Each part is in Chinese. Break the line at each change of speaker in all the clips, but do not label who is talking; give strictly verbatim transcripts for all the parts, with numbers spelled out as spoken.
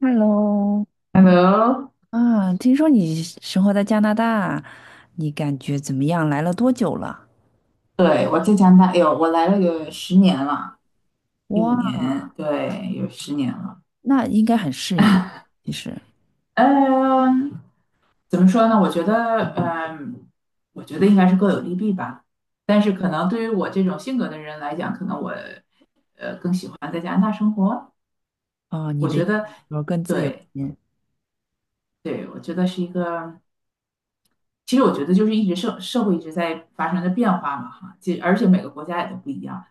Hello,
Hello，
啊，听说你生活在加拿大，你感觉怎么样？来了多久了？
对，我在加拿大，哎呦，我来了有十年了，一
哇，
五年，对，有十年了。
那应该很适应。其实
嗯，怎么说呢？我觉得，嗯，我觉得应该是各有利弊吧。但是可能对于我这种性格的人来讲，可能我，呃，更喜欢在加拿大生活。
啊，你
我
的
觉得，
呃更自由
对，
一点。
对，我觉得是一个，其实我觉得就是一直社社会一直在发生着变化嘛，哈，其实而且每个国家也都不一样。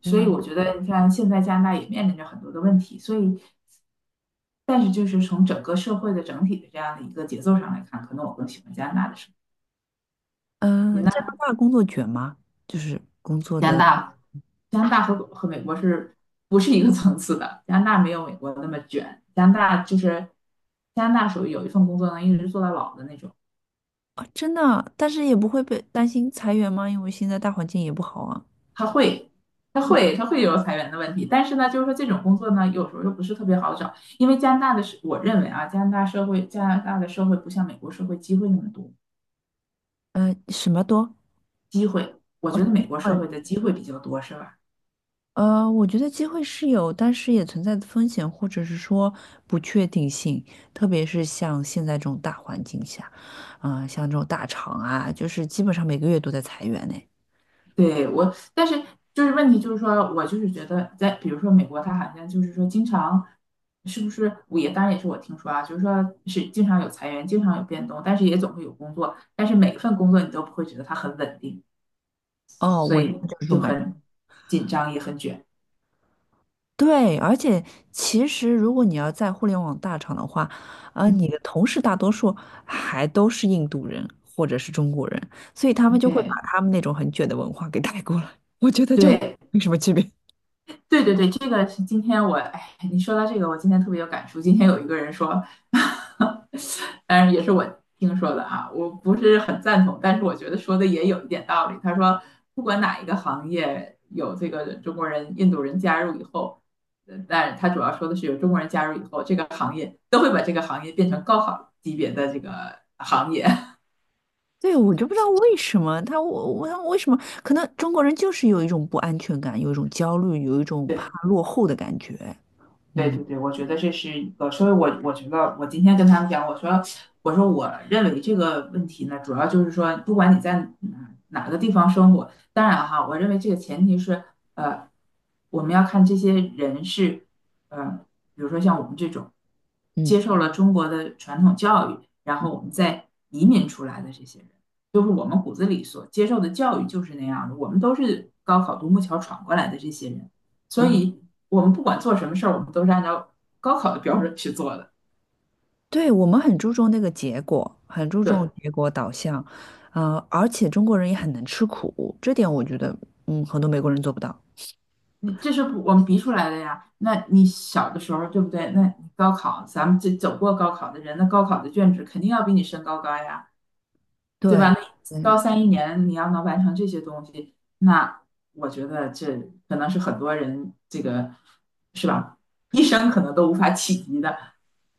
所以
嗯
我觉得，你看现在加拿大也面临着很多的问题，所以，但是就是从整个社会的整体的这样的一个节奏上来看，可能我更喜欢加拿大的生活。
嗯，
你
呃
呢？
加拿大工作卷吗？就是工作
加拿
的
大，加拿大和和美国是不是一个层次的？加拿大没有美国那么卷，加拿大就是加拿大属于有一份工作能一直做到老的那种。
啊，真的啊？但是也不会被担心裁员吗？因为现在大环境也不好啊。
他会。他会，他会有裁员的问题，但是呢，就是说这种工作呢，有时候又不是特别好找，因为加拿大的社，我认为啊，加拿大社会，加拿大的社会不像美国社会机会那么多。
嗯，什么多？
机会，我觉得美国社
问。
会的机会比较多，是吧？
呃，我觉得机会是有，但是也存在风险，或者是说不确定性，特别是像现在这种大环境下，啊、像这种大厂啊，就是基本上每个月都在裁员呢。
对，我，但是就是问题就是说，我就是觉得在比如说美国，它好像就是说经常是不是我，也当然也是我听说啊，就是说是经常有裁员，经常有变动，但是也总会有工作，但是每一份工作你都不会觉得它很稳定，
哦，
所
我现
以
在就是这种
就
感觉。
很紧张也很卷。
对，而且其实如果你要在互联网大厂的话，啊、你
嗯
的同事大多数还都是印度人或者是中国人，所以他们就会把
，OK,
他们那种很卷的文化给带过来。我觉得就
对对。
没什么区别。
对对对，这个是今天我，哎，你说到这个，我今天特别有感触。今天有一个人说，当然也是我听说的啊，我不是很赞同，但是我觉得说的也有一点道理。他说，不管哪一个行业有这个中国人、印度人加入以后，呃但他主要说的是有中国人加入以后，这个行业都会把这个行业变成高考级别的这个行业。
对，我就不知道为什么他，我我他为什么，可能中国人就是有一种不安全感，有一种焦虑，有一 种怕
对。
落后的感觉。
对
嗯
对对，我觉得这是一个，所以我我觉得我今天跟他们讲，我说我说我认为这个问题呢，主要就是说，不管你在哪哪个地方生活，当然哈，我认为这个前提是，呃，我们要看这些人是，呃，比如说像我们这种接
嗯
受了中国的传统教育，然后我们再移民出来的这些人，就是我们骨子里所接受的教育就是那样的，我们都是高考独木桥闯过来的这些人。所
嗯，
以我们不管做什么事儿，我们都是按照高考的标准去做的。
对，我们很注重那个结果，很注重
对，
结果导向。呃，而且中国人也很能吃苦，这点我觉得，嗯，很多美国人做不到。
你这是我们逼出来的呀。那你小的时候，对不对？那你高考，咱们这走过高考的人，那高考的卷子肯定要比你身高高呀，对吧？
对，
那
对，
高三一年你要能完成这些东西，那我觉得这可能是很多人这个是吧，一生可能都无法企及的。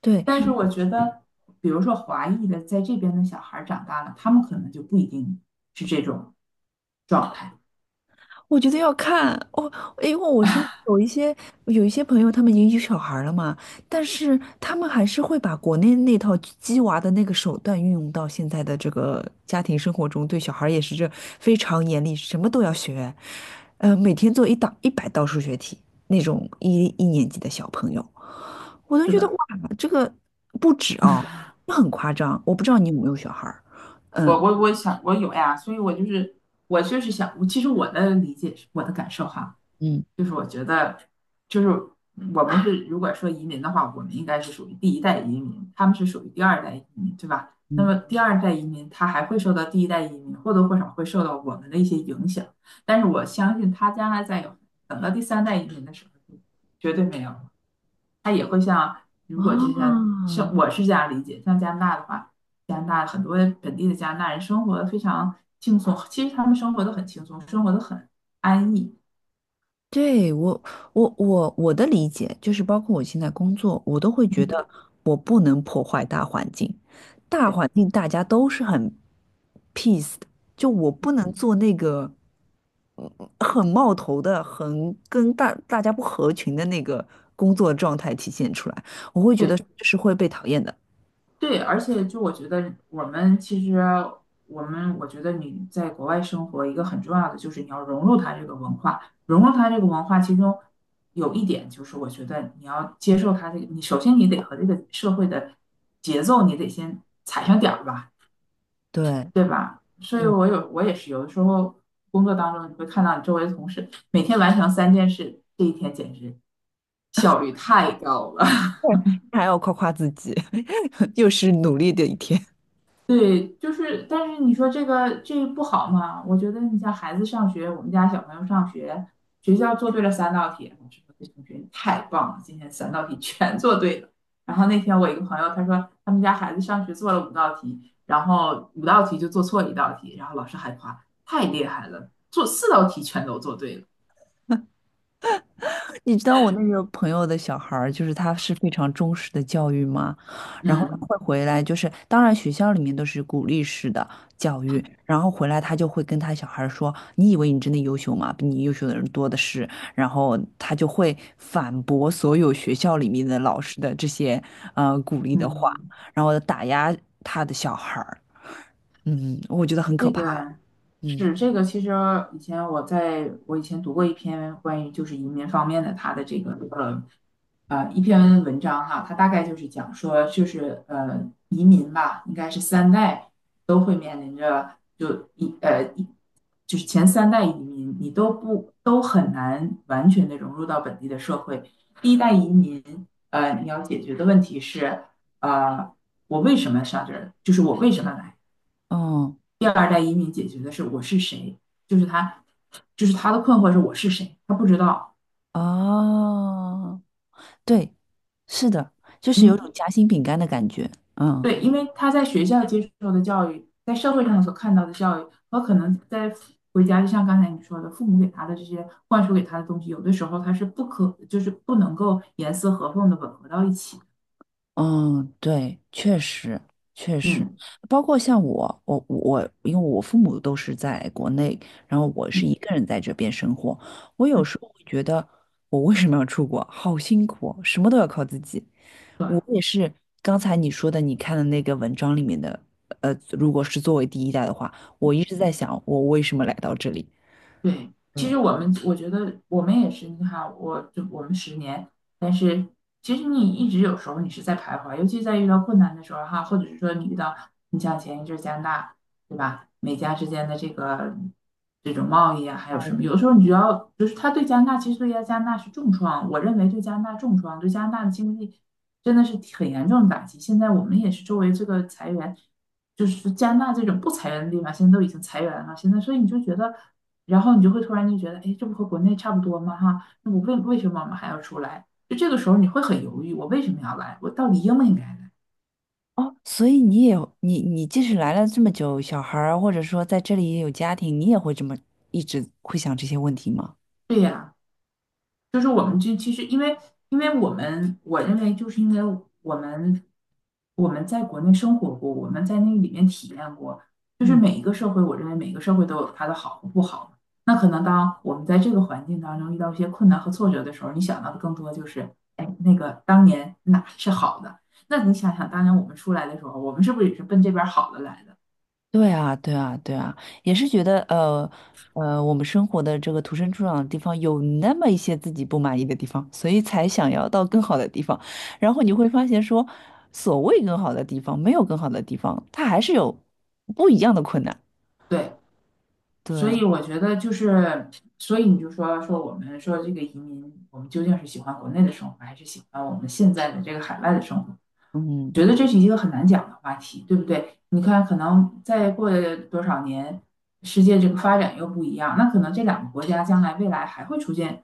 对，
但是我觉得，比如说华裔的在这边的小孩儿长大了，他们可能就不一定是这种状态。
我觉得要看哦，因为我身边有一些有一些朋友，他们已经有小孩了嘛，但是他们还是会把国内那套鸡娃的那个手段运用到现在的这个家庭生活中，对小孩也是这非常严厉，什么都要学。呃，每天做一道一百道数学题，那种一一年级的小朋友，我都
是
觉得哇，
的，
这个不止哦，这很夸张。我不知道你有没有小孩儿？
我
嗯
我我想我有呀，所以我就是我就是想，我其实我的理解是我的感受哈，
嗯，
就是我觉得，就是我们是如果说移民的话，我们应该是属于第一代移民，他们是属于第二代移民，对吧？那么第二代移民他还会受到第一代移民，或多或少会受到我们的一些影响，但是我相信他将来再有等到第三代移民的时候，绝对没有，他也会像如果就像
啊。
像我是这样理解，像加拿大的话，加拿大很多本地的加拿大人生活得非常轻松，其实他们生活的很轻松，生活的很安逸。
对，我，我，我，我的理解就是，包括我现在工作，我都会觉
嗯，
得我不能破坏大环境，大
对
环境大家都是很 peace 的。就我不能做那个嗯很冒头的、很跟大大家不合群的那个工作状态体现出来，我会觉得这
对，
是会被讨厌的。
对，而且就我觉得我们其实我们我觉得你在国外生活一个很重要的就是你要融入它这个文化，融入它这个文化，其中有一点就是我觉得你要接受它这个，你首先你得和这个社会的节奏你得先踩上点儿吧，
对，
对吧？所以
对，
我有我也是有的时候工作当中你会看到你周围的同事每天完成三件事，这一天简直效率太高了。
还要夸夸自己，又是努力的一天。
对，就是，但是你说这个这不好嘛？我觉得你像孩子上学，我们家小朋友上学，学校做对了三道题，老师说这同学你太棒了，今天三道题 全做对了。然后那天我一个朋友他说他们家孩子上学做了五道题，然后五道题就做错一道题，然后老师还夸太厉害了，做四道题全都做对了。
你知道我那个朋友的小孩儿，就是他是非常忠实的教育吗？然后他
嗯
会回来，就是当然学校里面都是鼓励式的教育，然后回来他就会跟他小孩儿说："你以为你真的优秀吗？比你优秀的人多的是。"然后他就会反驳所有学校里面的老师的这些呃鼓励的话，
嗯，
然后打压他的小孩儿。嗯，我觉得很可
这
怕。
个
嗯，
是这个，其实以前我在我以前读过一篇关于就是移民方面的他的这个呃呃一篇文章哈，他大概就是讲说就是呃移民吧，应该是三代都会面临着就一呃一就是前三代移民你都不都很难完全的融入到本地的社会。第一代移民呃你要解决的问题是呃我为什么上这儿，就是我为什么来。
哦，
第二代移民解决的是我是谁，就是他，就是他的困惑是我是谁，他不知道。
哦。对，是的，就是有
嗯，
种夹心饼干的感觉。嗯
对，因为他在学校接受的教育，在社会上所看到的教育，和可能在回家，就像刚才你说的，父母给他的这些灌输给他的东西，有的时候他是不可，就是不能够严丝合缝的吻合到一起。
嗯，对，确实确实，
嗯
包括像我，我我，因为我父母都是在国内，然后我是
嗯，
一个人在这边生活，我有时候会觉得，我为什么要出国？好辛苦哦，什么都要靠自己。
对。
我也是刚才你说的，你看的那个文章里面的，呃，如果是作为第一代的话，我一直在想，我为什么来到这里？
对，其
对，
实我们我觉得我们也是，你看，我就我们十年，但是其实你一直有时候你是在徘徊，尤其在遇到困难的时候哈，或者是说你遇到你像前一阵儿加拿大，对吧？美加之间的这个这种贸易啊，还有什么？有的时候你只要就是他对加拿大，其实对加拿大是重创，我认为对加拿大重创，对加拿大的经济真的是很严重的打击。现在我们也是周围这个裁员，就是加拿大这种不裁员的地方，现在都已经裁员了，现在所以你就觉得。然后你就会突然就觉得，哎，这不和国内差不多吗？哈，那我为为什么我们还要出来？就这个时候你会很犹豫，我为什么要来？我到底应不应该来？
哦，所以你也有你你即使来了这么久，小孩儿或者说在这里也有家庭，你也会这么一直会想这些问题吗？
对呀。就是我们这其实因为因为我们我认为就是因为我们我们在国内生活过，我们在那里面体验过，就是
嗯，
每一个社会，我认为每个社会都有它的好和不好。那可能当我们在这个环境当中遇到一些困难和挫折的时候，你想到的更多就是，哎，那个当年哪是好的？那你想想，当年我们出来的时候，我们是不是也是奔这边好的来的？
对啊，对啊，对啊，也是觉得呃呃，我们生活的这个土生土长的地方有那么一些自己不满意的地方，所以才想要到更好的地方。然后你会发现说，所谓更好的地方，没有更好的地方，它还是有不一样的困难。
对，所
对，
以我觉得就是，所以你就说说我们说这个移民，我们究竟是喜欢国内的生活，还是喜欢我们现在的这个海外的生活？
嗯。
觉得这是一个很难讲的话题，对不对？你看，可能再过多少年，世界这个发展又不一样，那可能这两个国家将来未来还会出现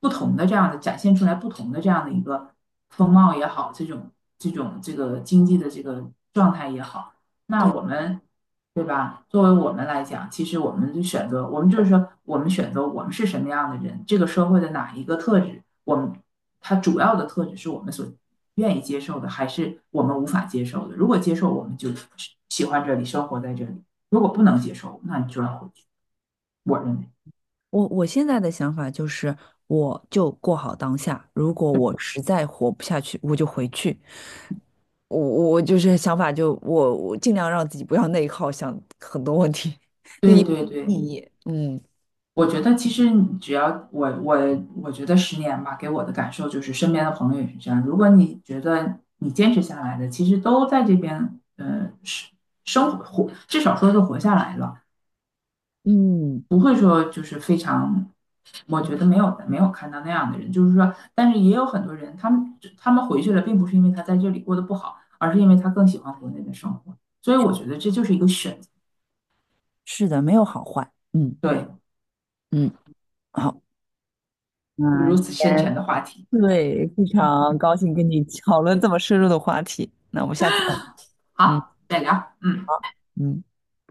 不同的这样的，展现出来不同的这样的一个风貌也好，这种这种这个经济的这个状态也好，那
对。
我们，对吧？作为我们来讲，其实我们就选择，我们就是说，我们选择我们是什么样的人，这个社会的哪一个特质，我们它主要的特质是我们所愿意接受的，还是我们无法接受的。如果接受，我们就喜欢这里，生活在这里；如果不能接受，那你就要回去。我认为，
我我现在的想法就是，我就过好当下。如果我实在活不下去，我就回去。我我我就是想法就，我我尽量让自己不要内耗，想很多问题 对
对对对，
意义。嗯
我觉得其实只要我我我觉得十年吧，给我的感受就是身边的朋友也是这样。如果你觉得你坚持下来的，其实都在这边，呃，是生活活，至少说是活下来了。
嗯，
不会说就是非常，我觉得没有没有看到那样的人，就是说，但是也有很多人，他们他们回去了，并不是因为他在这里过得不好，而是因为他更喜欢国内的生活，所以我觉得这就是一个选择。
是的，没有好坏。嗯
对，
嗯，好，那
如
今
此深
天
沉的话题，
对，非常高兴跟你 讨论这么深入的话题。那我们下次再聊嗯
好，再聊，嗯。
嗯。